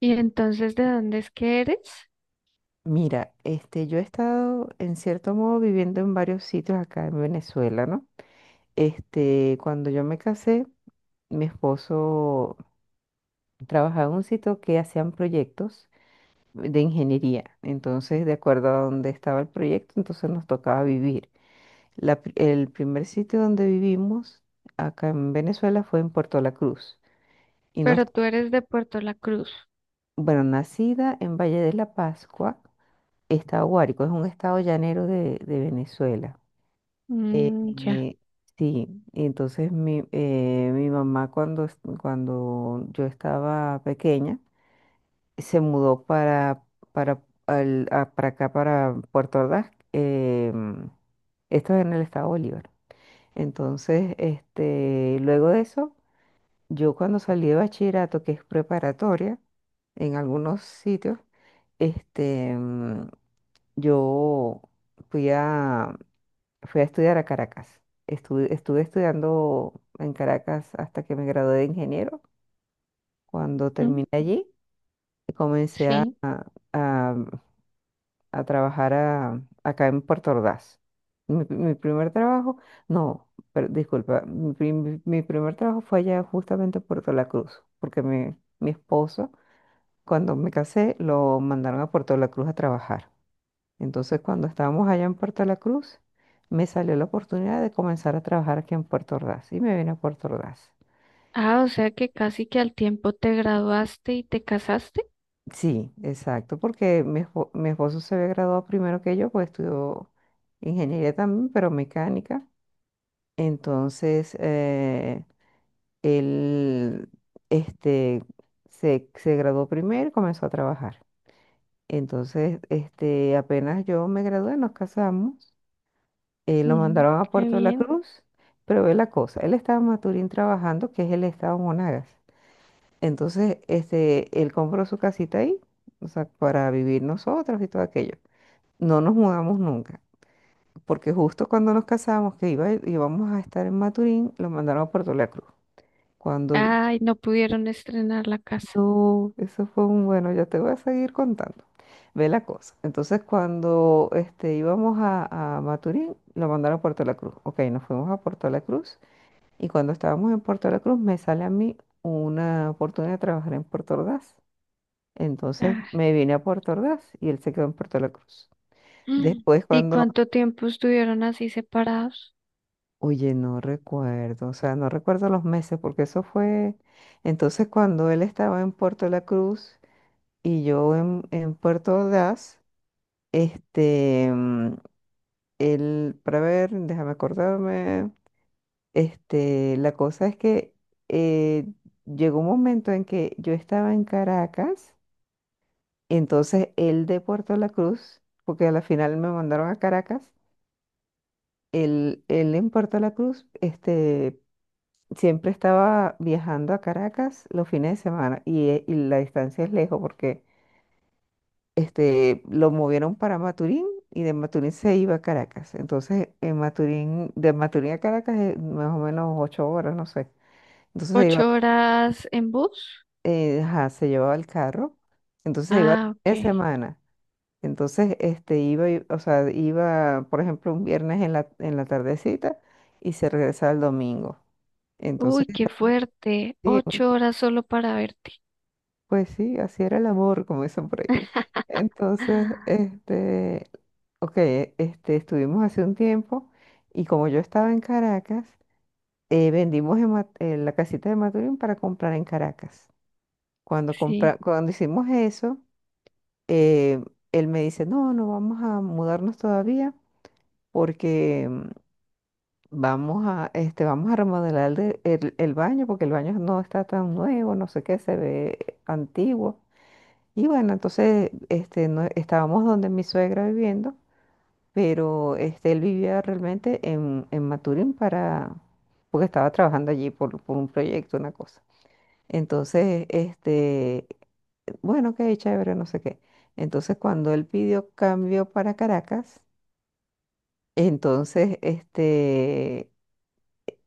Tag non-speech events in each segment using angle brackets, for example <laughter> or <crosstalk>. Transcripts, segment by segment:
Y entonces, ¿de dónde es que eres? Mira, yo he estado en cierto modo viviendo en varios sitios acá en Venezuela, ¿no? Cuando yo me casé, mi esposo trabajaba en un sitio que hacían proyectos de ingeniería. Entonces, de acuerdo a dónde estaba el proyecto, entonces nos tocaba vivir. El primer sitio donde vivimos acá en Venezuela fue en Puerto La Cruz. Y nos, Pero tú eres de Puerto La Cruz. bueno, nacida en Valle de la Pascua, estado Guárico, es un estado llanero de Venezuela. Eh, Mm, ya. eh, sí, y entonces mi mamá cuando yo estaba pequeña se mudó para acá, para Puerto Ordaz. Esto es en el estado Bolívar. Entonces, luego de eso, yo cuando salí de bachillerato, que es preparatoria, en algunos sitios, este, mm, yo fui a, Fui a estudiar a Caracas. Estuve estudiando en Caracas hasta que me gradué de ingeniero. Cuando Mm, terminé allí, comencé sí. a- a trabajar acá en Puerto Ordaz. Mi primer trabajo, no, pero, disculpa, mi primer trabajo fue allá justamente en Puerto La Cruz, porque mi esposo, cuando me casé, lo mandaron a Puerto La Cruz a trabajar. Entonces, cuando estábamos allá en Puerto La Cruz, me salió la oportunidad de comenzar a trabajar aquí en Puerto Ordaz y me vine a Puerto Ordaz. Ah, o sea que casi que al tiempo te graduaste y te casaste. Sí, exacto, porque mi esposo se había graduado primero que yo, pues estudió ingeniería también, pero mecánica. Entonces, él, este, se graduó primero y comenzó a trabajar. Entonces, apenas yo me gradué, nos casamos. Lo Mm, mandaron a qué Puerto de la bien. Cruz, pero ve la cosa, él estaba en Maturín trabajando, que es el estado Monagas. Entonces, él compró su casita ahí, o sea, para vivir nosotros y todo aquello. No nos mudamos nunca, porque justo cuando nos casamos, íbamos a estar en Maturín, lo mandaron a Puerto de la Cruz. Cuando yo, Ay, no pudieron estrenar la casa. no, eso fue un bueno, ya te voy a seguir contando. Ve la cosa. Entonces, cuando íbamos a Maturín, lo mandaron a Puerto de la Cruz. Ok, nos fuimos a Puerto de la Cruz. Y cuando estábamos en Puerto La Cruz, me sale a mí una oportunidad de trabajar en Puerto Ordaz. Entonces Ah. me vine a Puerto Ordaz y él se quedó en Puerto La Cruz. Mm. Después ¿Y cuando, cuánto tiempo estuvieron así separados? oye, no recuerdo, o sea, no recuerdo los meses porque eso fue, entonces cuando él estaba en Puerto La Cruz y yo en Puerto Ordaz, este, mm, él, para ver, déjame acordarme. La cosa es que eh, llegó un momento en que yo estaba en Caracas, entonces él de Puerto La Cruz, porque a la final me mandaron a Caracas, él en Puerto La Cruz, siempre estaba viajando a Caracas los fines de semana y la distancia es lejos porque lo movieron para Maturín y de Maturín se iba a Caracas. Entonces, en Maturín, de Maturín a Caracas es más o menos 8 horas, no sé. Entonces iba, ¿Ocho horas en bus? Ajá, se llevaba el carro, entonces se iba Ah, ok. de semana. Entonces, iba, o sea, iba, por ejemplo, un viernes en en la tardecita y se regresaba el domingo. Entonces, Uy, qué fuerte. sí, Ocho horas solo para verte. pues sí, así era el amor, como dicen por ahí. <laughs> Entonces, ok, estuvimos hace un tiempo y como yo estaba en Caracas, vendimos la casita de Maturín para comprar en Caracas. Cuando, compra- Sí. cuando hicimos eso, eh, él me dice, no, no vamos a mudarnos todavía porque vamos a, vamos a remodelar el baño porque el baño no está tan nuevo, no sé qué, se ve antiguo. Y bueno, entonces estábamos donde mi suegra viviendo, pero él vivía realmente en Maturín porque estaba trabajando allí por un proyecto, una cosa. Entonces, bueno, ok, chévere, no sé qué. Entonces, cuando él pidió cambio para Caracas, entonces, este,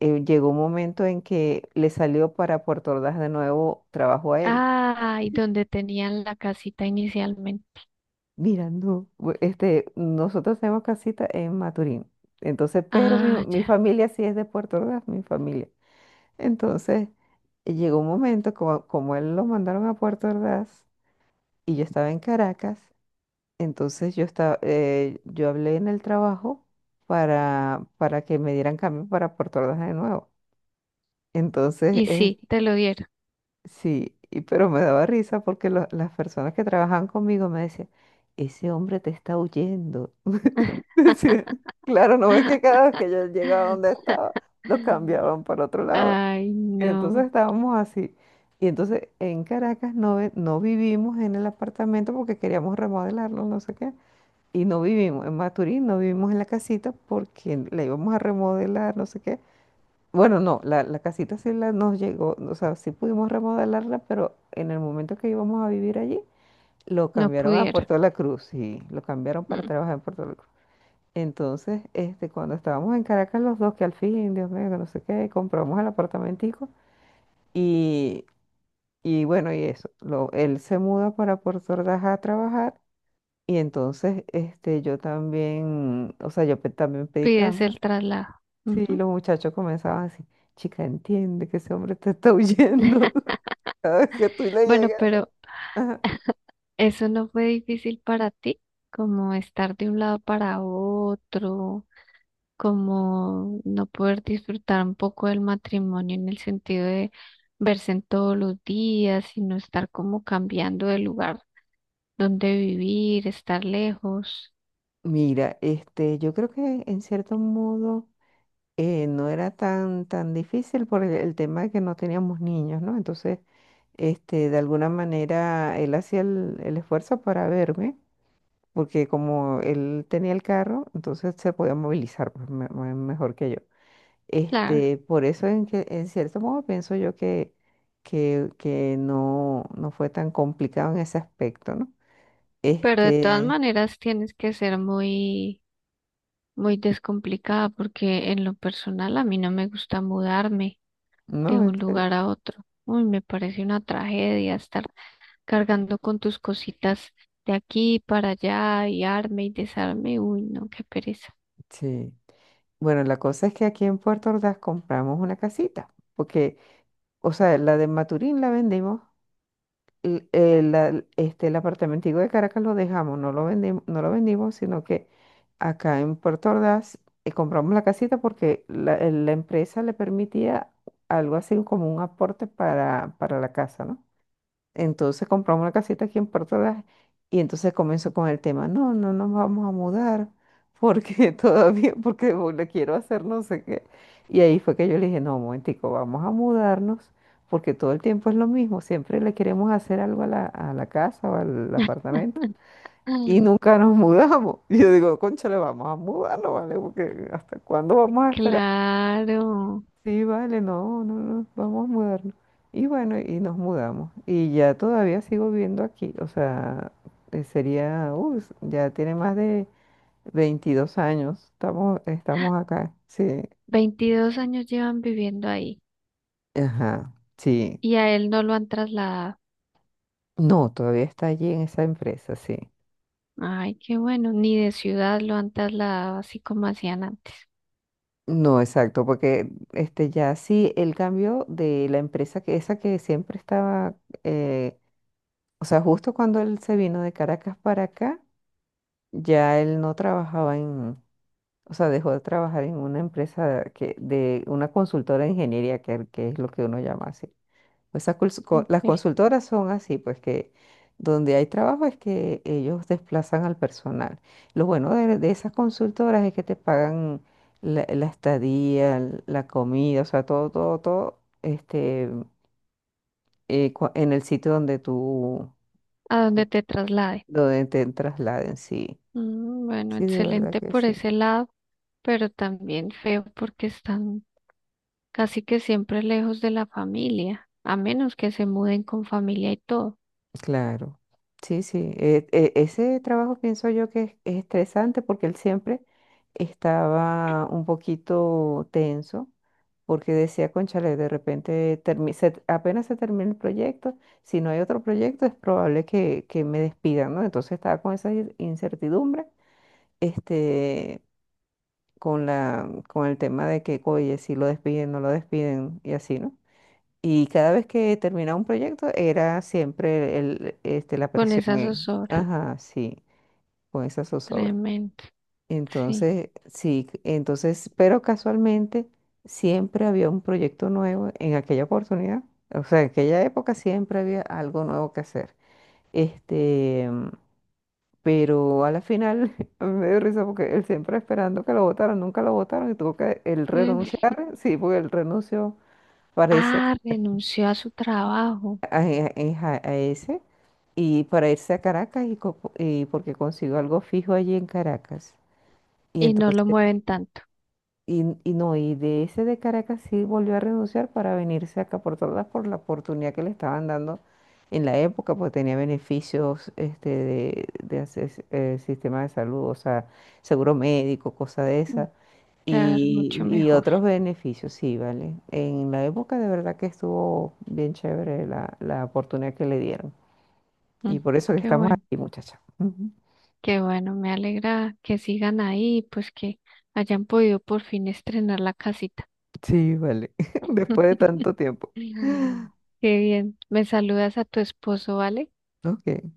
eh, llegó un momento en que le salió para Puerto Ordaz de nuevo trabajo a él. Ay, donde tenían la casita inicialmente. Mira, no, nosotros tenemos casita en Maturín. Entonces, pero Ah, mi ya. familia sí es de Puerto Ordaz, mi familia. Entonces, llegó un momento, como él lo mandaron a Puerto Ordaz y yo estaba en Caracas. Entonces yo hablé en el trabajo para que me dieran cambio para Puerto Ordaz de nuevo. Entonces, Y sí, te lo dieron. sí, pero me daba risa porque las personas que trabajaban conmigo me decían, ese hombre te está huyendo. <laughs> Decía, claro, no ves que cada vez que yo llegaba donde <laughs> estaba, lo cambiaban para otro lado. Ay, Entonces no, estábamos así. Y entonces en Caracas, no, no vivimos en el apartamento porque queríamos remodelarlo, no sé qué. Y no vivimos en Maturín, no vivimos en la casita porque la íbamos a remodelar, no sé qué. Bueno, no, la casita sí nos llegó, o sea, sí pudimos remodelarla, pero en el momento que íbamos a vivir allí, lo no cambiaron a pudieron. Puerto de la Cruz, y lo cambiaron para Mm. trabajar en Puerto de la Cruz. Entonces, cuando estábamos en Caracas los dos, que al fin, Dios mío, que no sé qué, compramos el apartamentico y, y bueno, él se muda para Puerto Ordaz a trabajar y entonces, yo también, o sea, también pedí Pides cambio. el traslado. Sí, Ujú. los muchachos comenzaban así, chica, entiende que ese hombre te está huyendo <laughs> cada vez que tú le Bueno, llegas, ¿no? pero Ajá. eso no fue difícil para ti, como estar de un lado para otro, como no poder disfrutar un poco del matrimonio en el sentido de verse en todos los días, sino estar como cambiando de lugar dónde vivir, estar lejos, Mira, yo creo que en cierto modo no era tan difícil por el tema de que no teníamos niños, ¿no? Entonces, de alguna manera él hacía el esfuerzo para verme, porque como él tenía el carro, entonces se podía movilizar pues, mejor que yo. claro, Por eso en cierto modo pienso yo que, que no, no fue tan complicado en ese aspecto, ¿no? pero de todas Este, maneras tienes que ser muy, muy descomplicada porque en lo personal a mí no me gusta mudarme de no, en un serio. lugar a otro. Uy, me parece una tragedia estar cargando con tus cositas de aquí para allá y arme y desarme. Uy, no, qué pereza. Sí. Bueno, la cosa es que aquí en Puerto Ordaz compramos una casita, porque, o sea, la de Maturín la vendimos. El apartamentico de Caracas lo dejamos, no lo vendimos, no lo vendimos, sino que acá en Puerto Ordaz compramos la casita porque la empresa le permitía algo así como un aporte para la casa, ¿no? Entonces compramos una casita aquí en Puerto Ordaz y entonces comenzó con el tema, no, no nos vamos a mudar porque <laughs> todavía, porque le quiero hacer no sé qué. Y ahí fue que yo le dije, no, un momentico, vamos a mudarnos porque todo el tiempo es lo mismo, siempre le queremos hacer algo a a la casa o al apartamento <laughs> y nunca nos mudamos. <laughs> Y yo digo, le vamos a mudarnos, ¿vale? Porque ¿hasta cuándo vamos a esperar? Claro, Sí, vale, no, no, no, vamos a mudarnos. Y bueno, y nos mudamos. Y ya todavía sigo viviendo aquí. O sea, ya tiene más de 22 años. Estamos acá. Sí, 22 años llevan viviendo ahí ajá, sí. y a él no lo han trasladado. No, todavía está allí en esa empresa, sí. Ay, qué bueno, ni de ciudad lo han trasladado así como hacían antes, No, exacto, porque este ya sí, el cambio de la empresa, que esa que siempre estaba, eh, o sea, justo cuando él se vino de Caracas para acá, ya él no trabajaba en. O sea, dejó de trabajar en una empresa que, de una consultora de ingeniería, que es lo que uno llama así. Pues esas las ¿eh? consultoras son así, pues que donde hay trabajo es que ellos desplazan al personal. Lo bueno de esas consultoras es que te pagan la estadía, la comida, o sea, todo, todo, todo, en el sitio donde tú, A donde te traslade. donde te trasladen, sí. Mm, bueno, Sí, de verdad excelente que por sí. ese lado, pero también feo porque están casi que siempre lejos de la familia, a menos que se muden con familia y todo, Claro, sí, sí. Ese trabajo pienso yo que es estresante porque él siempre estaba un poquito tenso porque decía, cónchale, de repente apenas se termine el proyecto, si no hay otro proyecto es probable que me despidan, ¿no? Entonces estaba con esa incertidumbre, este, con con el tema de que, oye, si lo despiden, no lo despiden y así, ¿no? Y cada vez que terminaba un proyecto era siempre la con presión esa zozobra. ajá, sí, con esa zozobra. Tremendo, sí. Entonces, sí, entonces, pero casualmente siempre había un proyecto nuevo en aquella oportunidad. O sea, en aquella época siempre había algo nuevo que hacer. Este, pero a la final, <laughs> a mí me dio risa porque él siempre esperando que lo votaran, nunca lo votaron y tuvo que él Mm. renunciar, sí, porque él renunció, parece, Ah, renunció a su trabajo a ese, y para irse a Caracas y, y porque consiguió algo fijo allí en Caracas. Y y no lo entonces, mueven tanto. No, y de ese de Caracas sí volvió a renunciar para venirse acá por la oportunidad que le estaban dando en la época, porque tenía beneficios, de hacer, sistema de salud, o sea, seguro médico, cosa de Mm. esa. Claro, mucho Y mejor. otros beneficios, sí, vale. En la época de verdad que estuvo bien chévere la oportunidad que le dieron. Y Mm. por eso que Qué estamos bueno. aquí, muchacha. Ujú. Qué bueno, me alegra que sigan ahí y pues que hayan podido por fin estrenar la casita. Sí, vale. <laughs> Después de <laughs> tanto tiempo. Qué bien. Me saludas a tu esposo, ¿vale? Ok.